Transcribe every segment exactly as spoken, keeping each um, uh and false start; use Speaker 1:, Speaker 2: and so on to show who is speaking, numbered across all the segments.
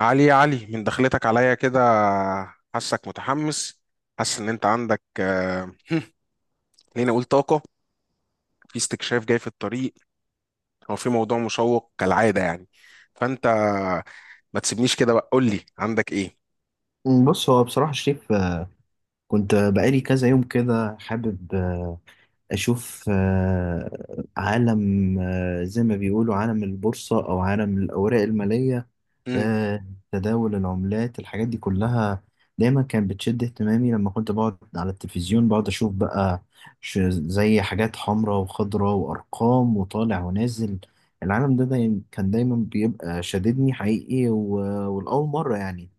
Speaker 1: علي يا علي، من دخلتك عليا كده حاسك متحمس. حاسس ان انت عندك آه، خليني اقول طاقة في استكشاف جاي في الطريق، او في موضوع مشوق كالعادة، يعني فانت ما تسيبنيش كده بقى، قول لي عندك ايه؟
Speaker 2: بص هو بصراحة شريف آه، كنت بقالي كذا يوم كده حابب آه، أشوف آه، عالم، آه، زي ما بيقولوا عالم البورصة أو عالم الأوراق المالية،
Speaker 1: مم.
Speaker 2: آه، تداول العملات الحاجات دي كلها دايما كانت بتشد اهتمامي لما كنت بقعد على التلفزيون بقعد أشوف بقى ش- زي حاجات حمراء وخضراء وأرقام وطالع ونازل. العالم ده دايما كان دايما بيبقى شاددني حقيقي، و- والأول مرة يعني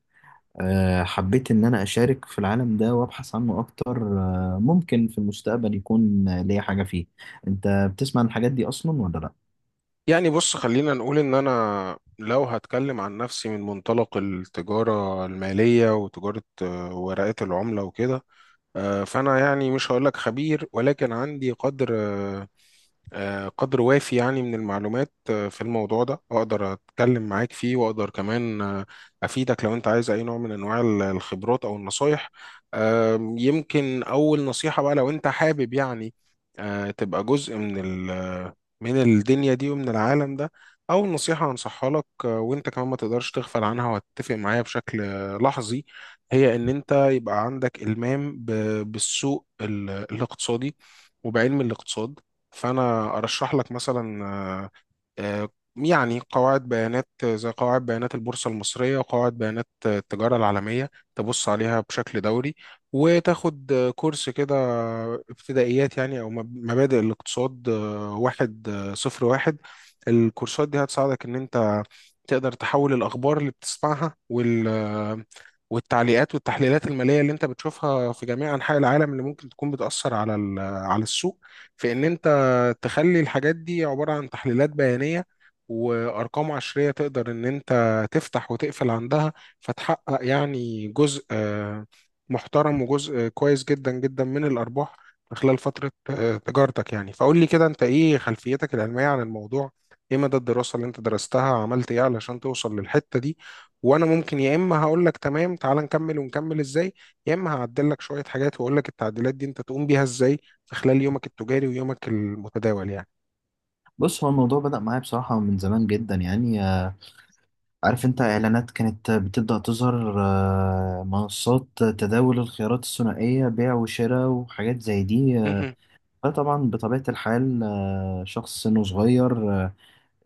Speaker 2: آه، حبيت إن أنا أشارك في العالم ده وأبحث عنه أكتر، آه، ممكن في المستقبل يكون آه، ليا حاجة فيه. أنت بتسمع عن الحاجات دي أصلا ولا لأ؟
Speaker 1: يعني بص، خلينا نقول ان انا لو هتكلم عن نفسي من منطلق التجارة المالية وتجارة آه، ورقات العملة وكده، آه، فانا يعني مش هقول لك خبير، ولكن عندي قدر آه، آه، قدر وافي، يعني من المعلومات آه، في الموضوع ده اقدر اتكلم معاك فيه واقدر كمان آه، افيدك لو انت عايز اي نوع من انواع ال- الخبرات او النصايح. آم، يمكن اول نصيحة بقى لو انت حابب، يعني آه، تبقى جزء من ال- من الدنيا دي ومن العالم ده. اول نصيحة هنصحها لك، آه، وانت كمان ما تقدرش تغفل عنها، وهتتفق معايا بشكل آه، لحظي. هي ان انت يبقى عندك المام ب- بالسوق ال- الاقتصادي وبعلم الاقتصاد. فانا ارشح لك مثلا آه، يعني قواعد بيانات، زي قواعد بيانات البورصه المصريه وقواعد بيانات التجاره العالميه، تبص عليها بشكل دوري، وتاخد كورس كده، ابتدائيات يعني، او مب- مبادئ الاقتصاد آه، واحد آه، صفر واحد. الكورسات دي هتساعدك ان انت تقدر تحول الاخبار اللي بتسمعها وال آه، والتعليقات والتحليلات الماليه اللي انت بتشوفها في جميع انحاء العالم، اللي ممكن تكون بتاثر على ال- على السوق، في ان انت تخلي الحاجات دي عبارة عن تحليلات بيانية وأرقام عشرية تقدر إن أنت تفتح وتقفل عندها، فتحقق يعني جزء آه، محترم وجزء كويس جدا جدا من الأرباح من خلال فترة آه، تجارتك، يعني. فقول لي كده، أنت إيه خلفيتك العلمية عن الموضوع؟ إيه مدى الدراسة اللي أنت درستها؟ عملت إيه علشان توصل للحتة دي؟ وأنا ممكن يا إما هقول لك تمام، تعال نكمل ونكمل إزاي، يا اما هعدل لك شويه حاجات واقول لك التعديلات دي انت تقوم بيها ازاي في خلال يومك التجاري ويومك المتداول، يعني.
Speaker 2: بص هو الموضوع بدأ معايا بصراحة من زمان جدا يعني، آه، عارف أنت إعلانات كانت بتبدأ تظهر، آه، منصات تداول الخيارات الثنائية بيع وشراء وحاجات زي دي. آه،
Speaker 1: مهم.
Speaker 2: فطبعا بطبيعة الحال آه، شخص سنه صغير، آه،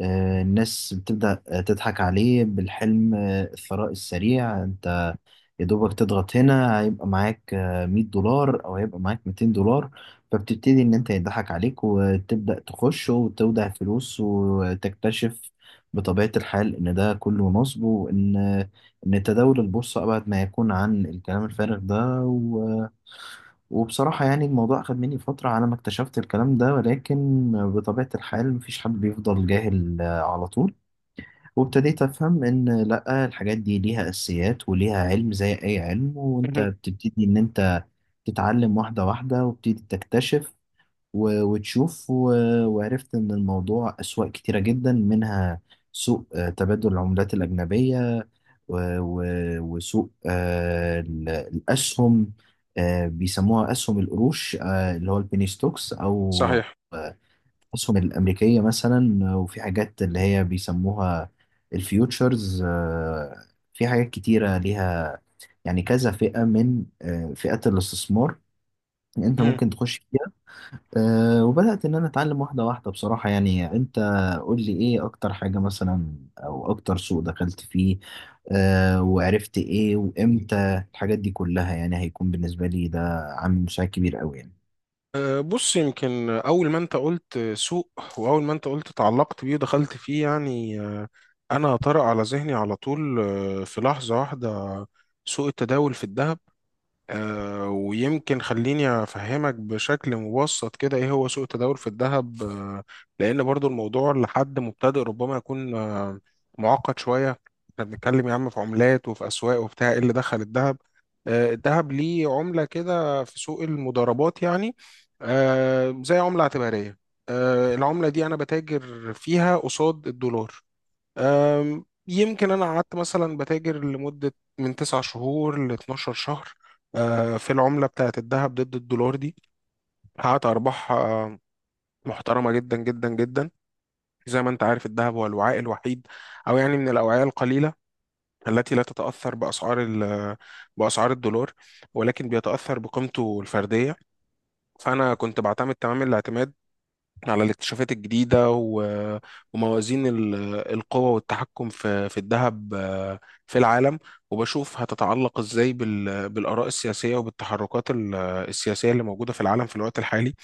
Speaker 2: آه، الناس بتبدأ آه، تضحك عليه بالحلم آه، الثراء السريع. أنت يا دوبك تضغط هنا هيبقى معاك آه، مية دولار او هيبقى معاك ميتين دولار، فبتبتدي ان انت يضحك عليك وتبدأ تخش وتودع فلوس وتكتشف بطبيعة الحال ان ده كله نصب، وان ان تداول البورصة ابعد ما يكون عن الكلام الفارغ ده و... وبصراحة يعني الموضوع اخد مني فترة على ما اكتشفت الكلام ده، ولكن بطبيعة الحال مفيش حد بيفضل جاهل آه، على طول. وابتديت أفهم إن لأ الحاجات دي ليها أساسيات وليها علم زي أي علم، وأنت
Speaker 1: مهم.
Speaker 2: بتبتدي إن أنت تتعلم واحدة واحدة وبتبتدي تكتشف و- وتشوف، و- وعرفت إن الموضوع أسواق كتيرة جدا، منها سوق آه، تبادل العملات الأجنبية، و- و- وسوق آه، ال- الأسهم، آه، بيسموها أسهم القروش، آه، اللي هو البيني ستوكس، أو
Speaker 1: صحيح.
Speaker 2: آه، الأسهم الأمريكية مثلا. وفي حاجات اللي هي بيسموها الفيوتشرز، آه، في حاجات كتيرة ليها يعني كذا فئة من آه، فئات الاستثمار أنت
Speaker 1: مهم.
Speaker 2: ممكن تخش فيها. آه، وبدأت إن أنا أتعلم واحدة واحدة بصراحة يعني. أنت قول لي إيه أكتر حاجة مثلا أو أكتر سوق دخلت فيه، آه، وعرفت إيه وإمتى، الحاجات دي كلها يعني هيكون بالنسبة لي ده عامل مساعد كبير أوي يعني.
Speaker 1: أه، بص، يمكن أول ما أنت قلت سوق، وأول ما أنت قلت تعلقت بيه ودخلت فيه، يعني أه، أنا طرأ على ذهني على طول، أه، في لحظة واحدة، سوق التداول في الذهب. آه، ويمكن خليني أفهمك بشكل مبسط كده إيه هو سوق التداول في الذهب، آه، لأن برضو الموضوع لحد مبتدئ ربما يكون آه، معقد شوية. إحنا بنتكلم يا عم في عملات وفي أسواق، وبتاع إيه اللي دخل الذهب؟ آه، الذهب ليه عملة كده في سوق المضاربات، يعني آه، زي عملة اعتبارية. آه، العملة دي أنا بتاجر فيها قصاد الدولار. أم، يمكن أنا قعدت مثلا بتاجر لمدة من تسع شهور ل 12 شهر أه، في العملة بتاعة الذهب ضد الدولار دي. حققت أرباح أه، محترمة جدا جدا جدا. زي ما أنت عارف، الذهب هو الوعاء الوحيد، أو يعني من الأوعية القليلة التي لا تتأثر بأسعار ال- بأسعار الدولار، ولكن بيتأثر بقيمته الفردية. فأنا كنت بعتمد تمام الاعتماد على الاكتشافات الجديدة و- وموازين ال- القوة والتحكم في في الذهب آه، في العالم، وبشوف هتتعلق ازاي بال- بالآراء السياسية وبالتحركات ال- السياسية اللي موجودة في العالم في الوقت الحالي.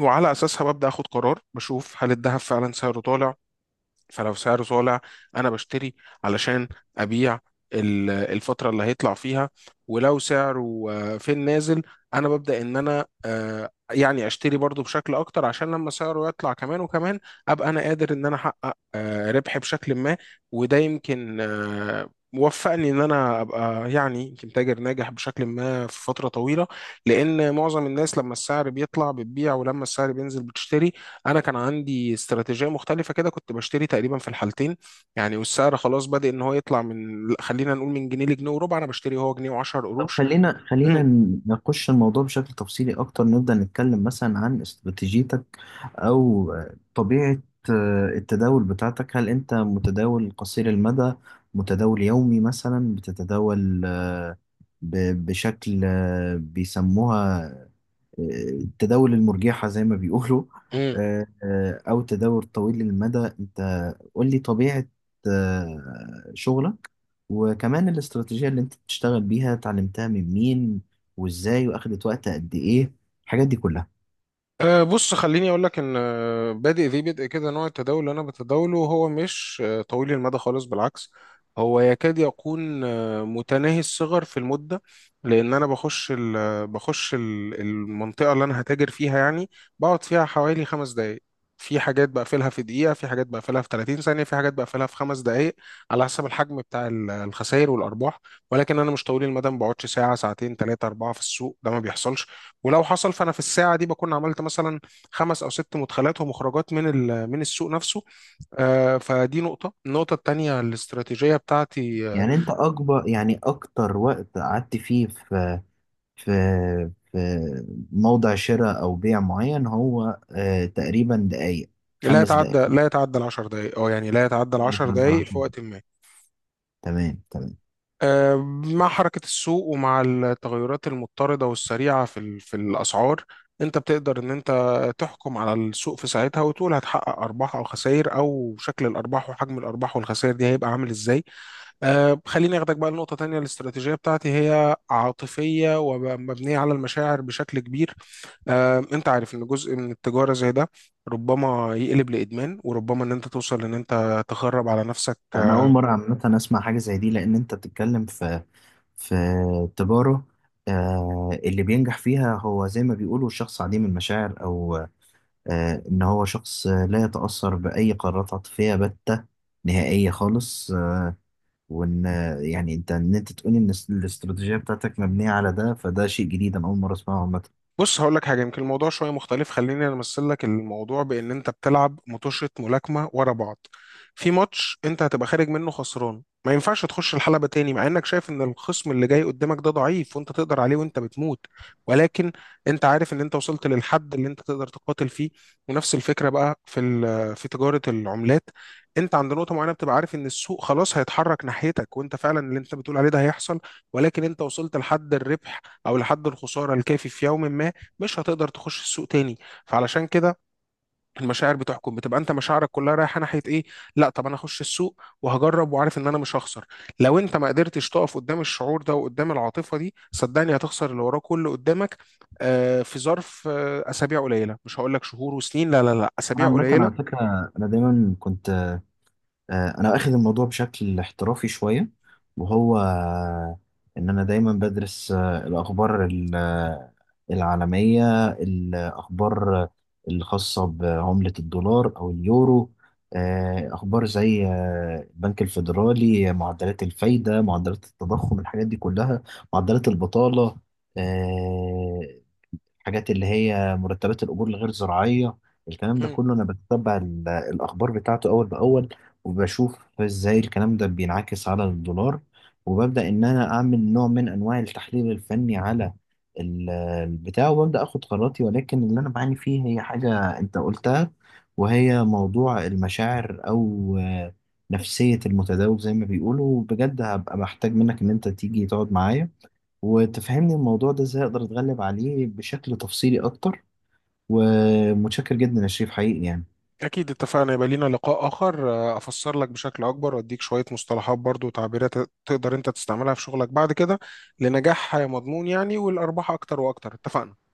Speaker 1: وعلى أساسها ببدأ أخد قرار، بشوف هل الذهب فعلا سعره طالع. فلو سعره طالع، انا بشتري علشان ابيع ال- الفترة اللي هيطلع فيها. ولو سعره آه، في النازل، انا ببدأ ان انا آه، يعني اشتري برضو بشكل اكتر، عشان لما سعره يطلع كمان وكمان ابقى انا قادر ان انا احقق آه، ربح بشكل ما. وده يمكن آه، وفقني ان انا ابقى يعني يمكن تاجر ناجح بشكل ما في فترة طويلة، لان معظم الناس لما السعر بيطلع بتبيع ولما السعر بينزل بتشتري. انا كان عندي استراتيجيه مختلفه كده، كنت بشتري تقريبا في الحالتين، يعني والسعر خلاص بادئ ان هو يطلع، من خلينا نقول من جنيه لجنيه وربع انا بشتري، هو جنيه و10
Speaker 2: طب
Speaker 1: قروش.
Speaker 2: خلينا خلينا نخش الموضوع بشكل تفصيلي أكتر، نبدأ نتكلم مثلا عن استراتيجيتك أو طبيعة آه، التداول بتاعتك. هل أنت متداول قصير المدى، متداول يومي مثلا بتتداول آه، ب- بشكل آه، بيسموها آه، التداول المرجحة زي ما بيقولوا، آه، آه، أو تداول طويل المدى؟ أنت قول لي طبيعة آه، شغلك، وكمان الاستراتيجية اللي انت بتشتغل بيها اتعلمتها من مين وازاي، واخدت وقت قد ايه، الحاجات دي كلها.
Speaker 1: أه بص، خليني اقول لك ان آه، بادئ ذي بدء كده، نوع التداول اللي انا بتداوله هو مش آه، طويل المدى خالص، بالعكس هو يكاد يكون آه، متناهي الصغر في المده. لان انا بخش ال آه، بخش ال المنطقه اللي انا هتاجر فيها، يعني بقعد فيها حوالي خمس دقائق. في حاجات بقفلها في دقيقه، في حاجات بقفلها في ثلاثين ثانية ثانيه، في حاجات بقفلها في خمس دقائق، على حسب الحجم بتاع ال- الخسائر والارباح. ولكن انا مش طويل المدى، ما بقعدش ساعه ساعتين ثلاثه اربعه في السوق ده، ما بيحصلش. ولو حصل فانا في الساعه دي بكون عملت مثلا خمس او ست مدخلات ومخرجات من ال- من السوق نفسه. آه، فدي نقطه. النقطه الثانيه، الاستراتيجيه بتاعتي، آه،
Speaker 2: يعني انت اكبر، يعني اكتر وقت قعدت فيه في في في موضع شراء او بيع معين هو آه تقريبا دقايق،
Speaker 1: لا
Speaker 2: خمس
Speaker 1: يتعدى
Speaker 2: دقايق؟
Speaker 1: لا يتعدى ال 10 دقائق، او يعني لا يتعدى ال
Speaker 2: يعني
Speaker 1: 10
Speaker 2: تقدر على
Speaker 1: دقائق في
Speaker 2: حاجة.
Speaker 1: وقت ما،
Speaker 2: تمام تمام.
Speaker 1: آه، مع حركه السوق، ومع التغيرات المضطرده والسريعه في ال- في الاسعار، انت بتقدر ان انت تحكم على السوق في ساعتها وتقول هتحقق ارباح او خسائر، او شكل الارباح وحجم الارباح والخسائر دي هيبقى عامل ازاي. أه خليني أخدك بقى لنقطة تانية. الاستراتيجية بتاعتي هي عاطفية ومبنية على المشاعر بشكل كبير. أه أنت عارف إن جزء من التجارة زي ده ربما يقلب لإدمان، وربما إن أنت توصل إن أنت تخرب على نفسك.
Speaker 2: انا اول مرة عامة اسمع حاجة زي دي، لان انت بتتكلم في في تجارة آه اللي بينجح فيها هو زي ما بيقولوا الشخص عديم المشاعر، او آه، إن هو شخص آه، لا يتأثر بأي قرارات عاطفية بتة نهائية خالص. آه، وإن آه، يعني أنت إن أنت تقولي إن الس- الاستراتيجية بتاعتك مبنية على ده، فده شيء جديد أنا أول مرة أسمعه عامة.
Speaker 1: بص هقول لك حاجه، يمكن الموضوع شويه مختلف. خليني انا امثل لك الموضوع بان انت بتلعب مطوشه ملاكمه ورا بعض. في ماتش انت هتبقى خارج منه خسران، ما ينفعش تخش الحلبه تاني مع انك شايف ان الخصم اللي جاي قدامك ده ضعيف وانت تقدر عليه وانت بتموت، ولكن انت عارف ان انت وصلت للحد اللي انت تقدر تقاتل فيه. ونفس الفكره بقى في ال- في تجاره العملات. انت عند نقطه معينه بتبقى عارف ان السوق خلاص هيتحرك ناحيتك، وانت فعلا اللي انت بتقول عليه ده هيحصل، ولكن انت وصلت لحد الربح او لحد الخساره الكافي في يوم ما، مش هتقدر تخش السوق تاني. فعلشان كده، المشاعر بتحكم، بتبقى انت مشاعرك كلها رايحه ناحيه ايه؟ لا طب انا هخش السوق وهجرب، وعارف ان انا مش هخسر. لو انت ما قدرتش تقف قدام الشعور ده وقدام العاطفه دي، صدقني هتخسر اللي وراه كله قدامك آه في ظرف آه اسابيع قليله، مش هقول لك شهور وسنين، لا لا لا،
Speaker 2: أنا
Speaker 1: اسابيع
Speaker 2: عامة
Speaker 1: قليله.
Speaker 2: على فكرة أنا دايما كنت، آه، انا واخد الموضوع بشكل احترافي شويه. وهو آه، ان انا دايما بدرس آه، الاخبار ال- آه، العالميه، الاخبار آه، الخاصه بعمله الدولار او اليورو، آه، اخبار زي آه، البنك الفيدرالي، معدلات الفايده، معدلات التضخم، الحاجات دي كلها، معدلات البطاله، آه، حاجات اللي هي مرتبات الأجور الغير زراعية. الكلام ده
Speaker 1: مم.
Speaker 2: كله أنا بتتبع ال- الأخبار بتاعته أول بأول، وبشوف إزاي الكلام ده بينعكس على الدولار، وببدأ إن أنا أعمل نوع من أنواع التحليل الفني على ال- البتاع، وببدأ أخد قراراتي. ولكن اللي أنا بعاني فيه هي حاجة أنت قلتها، وهي موضوع المشاعر أو آه، نفسية المتداول زي ما بيقولوا. بجد هبقى محتاج منك إن أنت تيجي تقعد معايا وتفهمني الموضوع ده ازاي اقدر اتغلب عليه بشكل تفصيلي اكتر، ومتشكر جدا يا شريف حقيقي يعني.
Speaker 1: اكيد اتفقنا، يبقى لينا لقاء اخر آه، افسر لك بشكل اكبر واديك شويه مصطلحات برضو وتعبيرات تقدر انت تستعملها في شغلك بعد كده لنجاح مضمون، يعني والارباح اكتر واكتر، اتفقنا.